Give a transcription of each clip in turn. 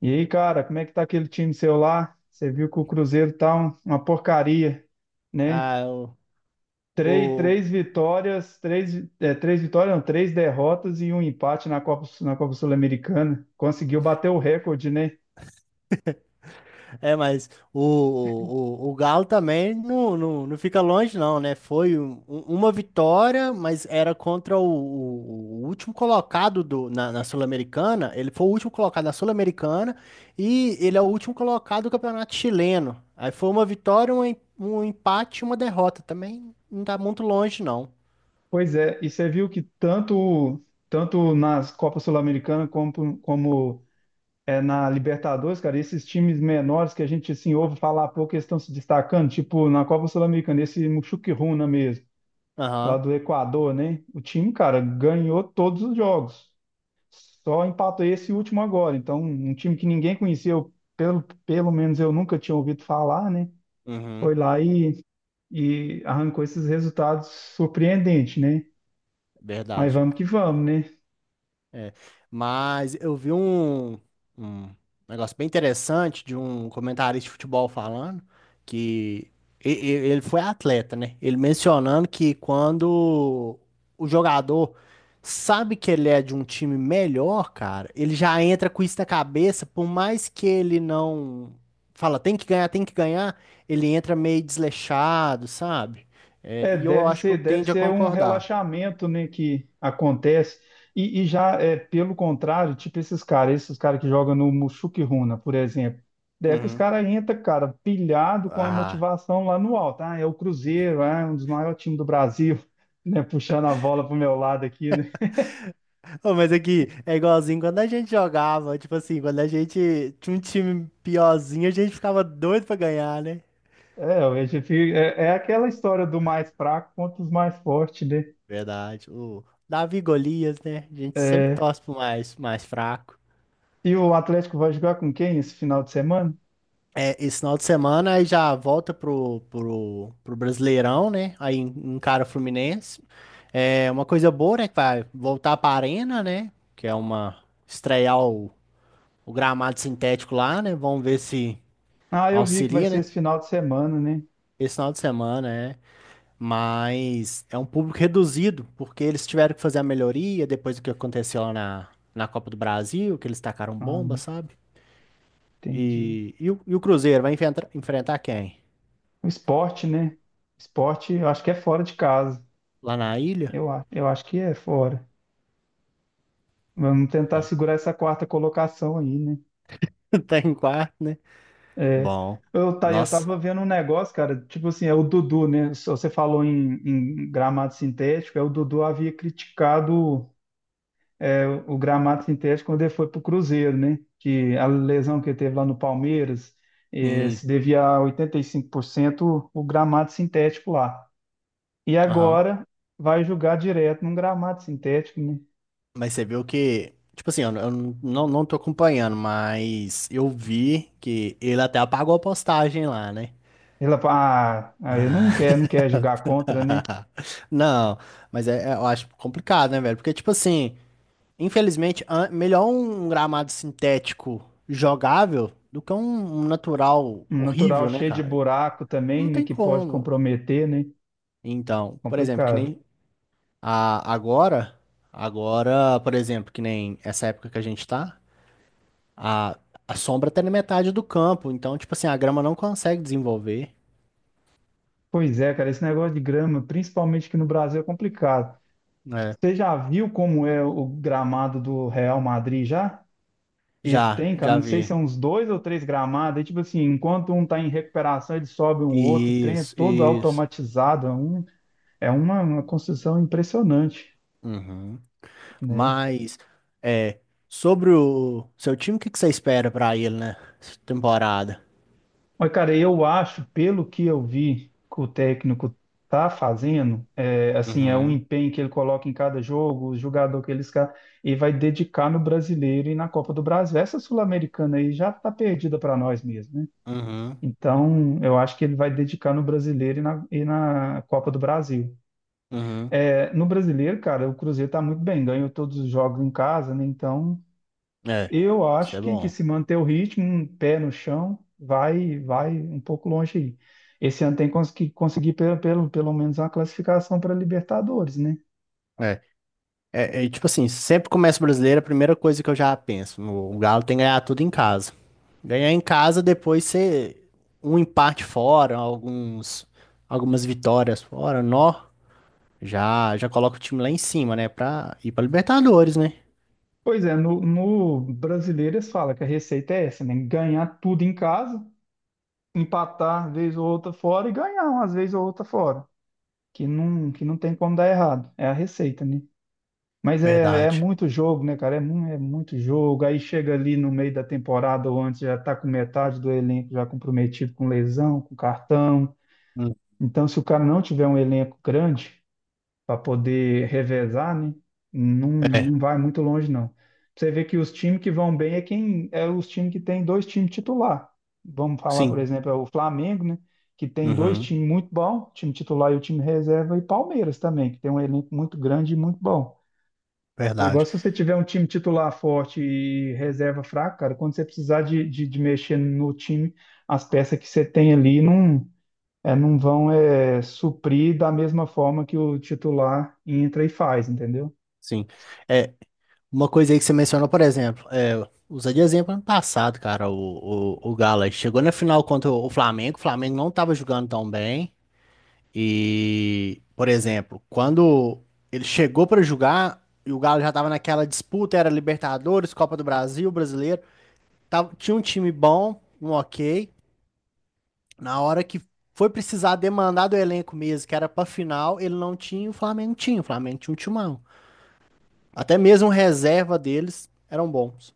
E aí, cara, como é que tá aquele time seu lá? Você viu que o Cruzeiro tá uma porcaria, né? Ah, Três, o, três vitórias, três, é, três vitórias, não, três derrotas e um empate na Copa Sul-Americana. Conseguiu bater o recorde, né? é, mas o Galo também não fica longe, não, né? Foi uma vitória, mas era contra o último colocado na Sul-Americana. Ele foi o último colocado na Sul-Americana e ele é o último colocado do Campeonato Chileno. Aí foi uma vitória, um empate e uma derrota. Também não tá muito longe, não. Pois é, e você viu que tanto, tanto nas Copas Sul-Americana como na Libertadores, cara, esses times menores que a gente assim, ouve falar pouco, eles estão se destacando, tipo na Copa Sul-Americana, esse Muxuquiruna mesmo, lá Aham, do Equador, né? O time, cara, ganhou todos os jogos. Só empatou esse último agora. Então, um time que ninguém conheceu, pelo menos eu nunca tinha ouvido falar, né? uhum, Foi lá e arrancou esses resultados surpreendentes, né? Mas verdade. vamos que vamos, né? É, mas eu vi um negócio bem interessante de um comentarista de futebol falando que ele foi atleta, né? Ele mencionando que quando o jogador sabe que ele é de um time melhor, cara, ele já entra com isso na cabeça, por mais que ele não fala, tem que ganhar, ele entra meio desleixado, sabe? É, É, e eu deve acho que eu ser, deve tendo a ser um concordar. relaxamento, né, que acontece. E já é pelo contrário, tipo esses caras que jogam no Mushuk-Runa, por exemplo. Daí é que os Uhum. caras entram, cara, pilhado com a Ah. motivação lá no alto. Ah, é o Cruzeiro, ah, é um dos maiores times do Brasil, né, puxando a bola pro meu lado aqui, né? Ô, mas aqui é igualzinho quando a gente jogava, tipo assim, quando a gente tinha um time piorzinho, a gente ficava doido pra ganhar, né? É, é aquela história do mais fraco contra os mais fortes, né? Verdade. O Davi e Golias, né? A gente sempre É, torce pro mais fraco. e o Atlético vai jogar com quem esse final de semana? É, esse final de semana aí já volta pro Brasileirão, né? Aí encara o Fluminense. É uma coisa boa, né? Que vai voltar pra Arena, né? Que é uma estrear o gramado sintético lá, né? Vamos ver se Ah, eu vi que vai auxilia, ser né? esse final de semana, né? Esse final de semana, é. Mas é um público reduzido, porque eles tiveram que fazer a melhoria depois do que aconteceu lá na Copa do Brasil, que eles tacaram bomba, Ah, sabe? entendi. E o Cruzeiro vai enfrentar quem? O esporte, né? Esporte, eu acho que é fora de casa. Lá na ilha? Eu acho que é fora. Vamos tentar segurar essa quarta colocação aí, né? Tá em quarto, né? É. Bom, Eu, tá, eu nossa, tava vendo um negócio, cara, tipo assim, é o Dudu, né? Se você falou em, gramado sintético, é o Dudu havia criticado, o gramado sintético quando ele foi pro Cruzeiro, né? Que a lesão que ele teve lá no Palmeiras, sim, se devia a 85% o gramado sintético lá. E aham. agora vai jogar direto num gramado sintético, né? Mas você viu que, tipo assim, eu não tô acompanhando, mas eu vi que ele até apagou a postagem lá, né? Ela fala, ah, aí não quer, não quer jogar contra, né? Não, mas eu acho complicado, né, velho? Porque, tipo assim. Infelizmente, melhor um gramado sintético jogável do que um natural Um natural horrível, né, cheio de cara? buraco Não também, né? tem Que pode como. comprometer, né? Então, por exemplo, que Complicado. nem a, agora, agora, por exemplo, que nem essa época que a gente tá, a, a sombra tá na metade do campo, então, tipo assim, a grama não consegue desenvolver, Pois é, cara, esse negócio de grama, principalmente aqui no Brasil, é complicado. né? Você já viu como é o gramado do Real Madrid já? Esse tem, cara, Já não sei se vi. são uns dois ou três gramados. É tipo assim, enquanto um tá em recuperação, ele sobe o outro, o trem é Isso, todo isso. automatizado. É, um, é uma construção impressionante, Uhum. né? Mas, é, sobre o seu time, o que que você espera pra ele, né? Essa temporada. Mas, cara, eu acho, pelo que eu vi que o técnico tá fazendo, é, assim, é um Uhum, empenho que ele coloca em cada jogo, o jogador que ele e vai dedicar no Brasileiro e na Copa do Brasil. Essa Sul-Americana aí já tá perdida para nós mesmo, né? uhum, Então, eu acho que ele vai dedicar no Brasileiro e na Copa do Brasil. uhum. É, no Brasileiro, cara, o Cruzeiro tá muito bem, ganhou todos os jogos em casa, né? Então. É, Eu isso acho é que bom. se manter o ritmo, um pé no chão, vai um pouco longe aí. Esse ano tem que conseguir pelo menos uma classificação para Libertadores, né? É, É, tipo assim, sempre começa o brasileiro, a primeira coisa que eu já penso, o Galo tem que ganhar tudo em casa. Ganhar em casa, depois ser um empate fora, algumas vitórias fora, nó, já coloca o time lá em cima, né, pra ir pra Libertadores, né? Pois é, no brasileiro eles falam que a receita é essa, né? Ganhar tudo em casa, empatar vez ou outra fora e ganhar umas vezes ou outra fora, que não tem como dar errado. É a receita, né? Mas é, é Verdade. muito jogo, né, cara? É, é muito jogo. Aí chega ali no meio da temporada ou antes, já tá com metade do elenco já comprometido com lesão, com cartão. Hum. Então, se o cara não tiver um elenco grande para poder revezar, né, não, É, não vai muito longe, não. Você vê que os times que vão bem é quem é os times que tem dois times titular. Vamos falar, por sim. exemplo, é o Flamengo, né? Que tem dois Uhum. times muito bons, time titular e o time reserva, e Palmeiras também, que tem um elenco muito grande e muito bom. É igual Verdade. se você tiver um time titular forte e reserva fraca, cara, quando você precisar de mexer no time, as peças que você tem ali não vão suprir da mesma forma que o titular entra e faz, entendeu? Sim. É, uma coisa aí que você mencionou, por exemplo, é, usa de exemplo ano passado, cara, o Galo aí chegou na final contra o Flamengo não estava jogando tão bem. E, por exemplo, quando ele chegou para jogar e o Galo já estava naquela disputa, era Libertadores, Copa do Brasil, Brasileiro, tinha um time bom, um ok. Na hora que foi precisar demandar do elenco mesmo, que era pra final, ele não tinha, o Flamengo tinha, o Flamengo tinha um timão. Até mesmo reserva deles eram bons.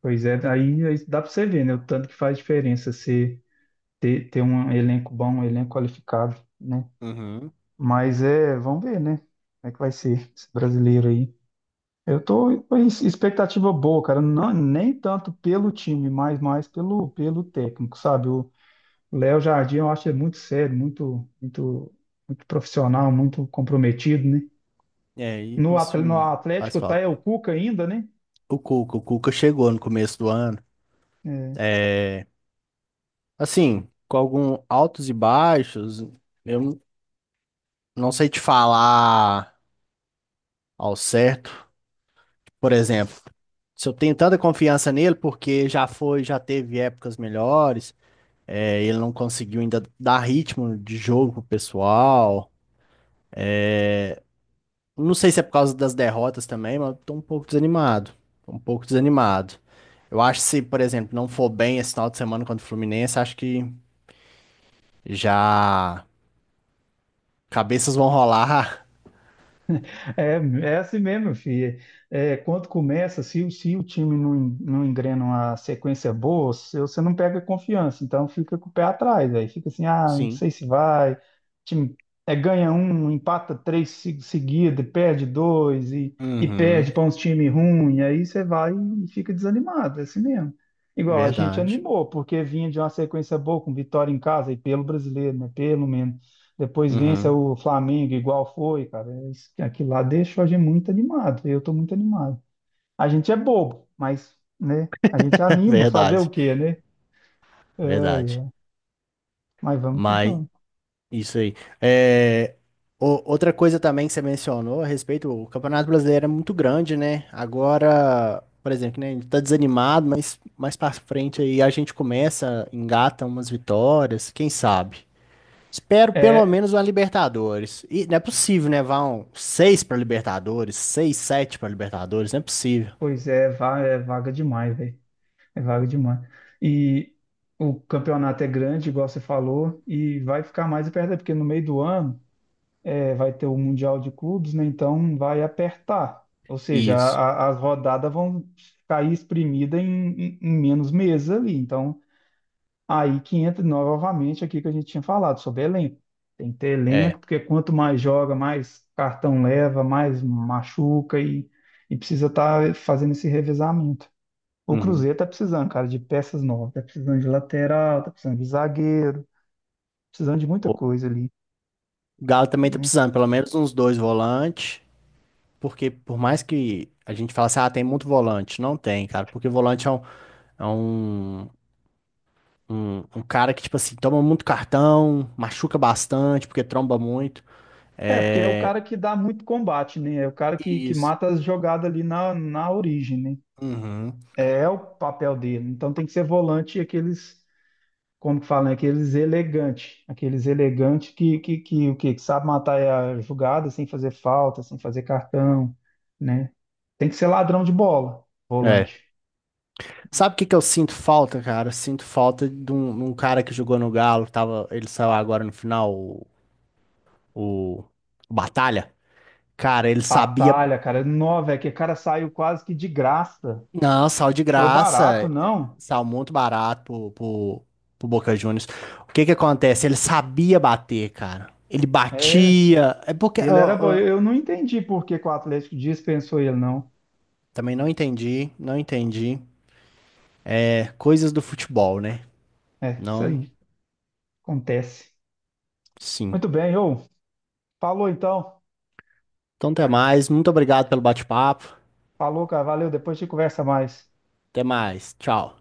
Pois é, aí, aí dá pra você ver, né? O tanto que faz diferença você ter um elenco bom, um elenco qualificado, né? Uhum. Mas é, vamos ver, né? Como é que vai ser esse brasileiro aí? Eu tô com expectativa boa, cara. Não, nem tanto pelo time, mas mais pelo, pelo técnico, sabe? O Léo Jardim eu acho ele muito sério, muito, muito, muito profissional, muito comprometido, né? É, e No isso no faz Atlético tá falta. é o Cuca ainda, né? O Cuca chegou no começo do ano. É, É, assim, com alguns altos e baixos, eu não sei te falar ao certo. Por exemplo, se eu tenho tanta confiança nele, porque já foi, já teve épocas melhores, é, ele não conseguiu ainda dar ritmo de jogo pro pessoal. Não sei se é por causa das derrotas também, mas eu tô um pouco desanimado. Tô um pouco desanimado. Eu acho que se, por exemplo, não for bem esse final de semana contra o Fluminense, acho que já cabeças vão rolar. é, é assim mesmo, filho. É, é, quando começa, se, se o time não engrena uma sequência boa, você não pega confiança. Então fica com o pé atrás, aí fica assim, ah, não Sim. sei se vai. Time é, ganha um, empata três seguida, perde dois e perde Uhum. para uns times ruins. Aí você vai e fica desanimado, é assim mesmo. Igual a gente Verdade. animou, porque vinha de uma sequência boa com vitória em casa e pelo brasileiro, né? Pelo menos depois vença Uhum. o Flamengo igual foi, cara. Aquilo lá deixa a gente muito animado. Eu tô muito animado. A gente é bobo, mas, né? A gente anima. Fazer o Verdade. quê, né? Ai, Verdade. ai. Mas vamos que Mas vamos. isso aí. É, outra coisa também que você mencionou a respeito, o Campeonato Brasileiro é muito grande, né? Agora, por exemplo, né, a gente tá desanimado, mas mais pra frente aí a gente começa, engata umas vitórias, quem sabe? Espero pelo É, menos uma Libertadores. E não é possível, né? Vão seis pra Libertadores, seis, sete pra Libertadores, não é possível. pois é, é vaga demais, velho. É vaga demais. E o campeonato é grande, igual você falou, e vai ficar mais apertado, porque no meio do ano é, vai ter o Mundial de Clubes, né? Então vai apertar. Ou seja, Isso, as rodadas vão cair espremida em menos meses ali. Então, aí que entra novamente aqui que a gente tinha falado sobre elenco. Tem que ter elenco, é. porque quanto mais joga, mais cartão leva, mais machuca e precisa estar fazendo esse revezamento. O Uhum. Cruzeiro tá precisando, cara, de peças novas, tá precisando de lateral, tá precisando de zagueiro, precisando de muita O coisa ali. Galo também tá precisando, pelo menos uns dois volantes. Porque por mais que a gente fale assim, ah, tem muito volante, não tem, cara, porque volante é um, um cara que, tipo assim, toma muito cartão, machuca bastante, porque tromba muito. É, porque é o É. cara que dá muito combate, né? É o cara que Isso. mata as jogadas ali na, na origem, né? Uhum. É, é o papel dele. Então tem que ser volante aqueles, como que falam, aqueles elegantes. Aqueles elegantes que, o quê? Que sabe matar a jogada sem fazer falta, sem fazer cartão, né? Tem que ser ladrão de bola, É. volante. Sabe o que que eu sinto falta, cara? Eu sinto falta de um cara que jogou no Galo, tava, ele saiu agora no final, o Batalha. Cara, ele sabia. Batalha, cara. É nó, velho, que o cara saiu quase que de graça. Não, sal de Foi barato, graça. não? Sal muito barato pro Boca Juniors. O que que acontece? Ele sabia bater, cara. Ele É, batia. É porque. ele era bom. Ó, Eu não entendi por que que o Atlético dispensou ele, não. também não entendi, não entendi. É, coisas do futebol, né? É, isso Não, aí acontece. sim. Muito bem, ô. Falou então. Então, até mais. Muito obrigado pelo bate-papo. Falou, cara. Valeu. Depois a gente conversa mais. Até mais. Tchau.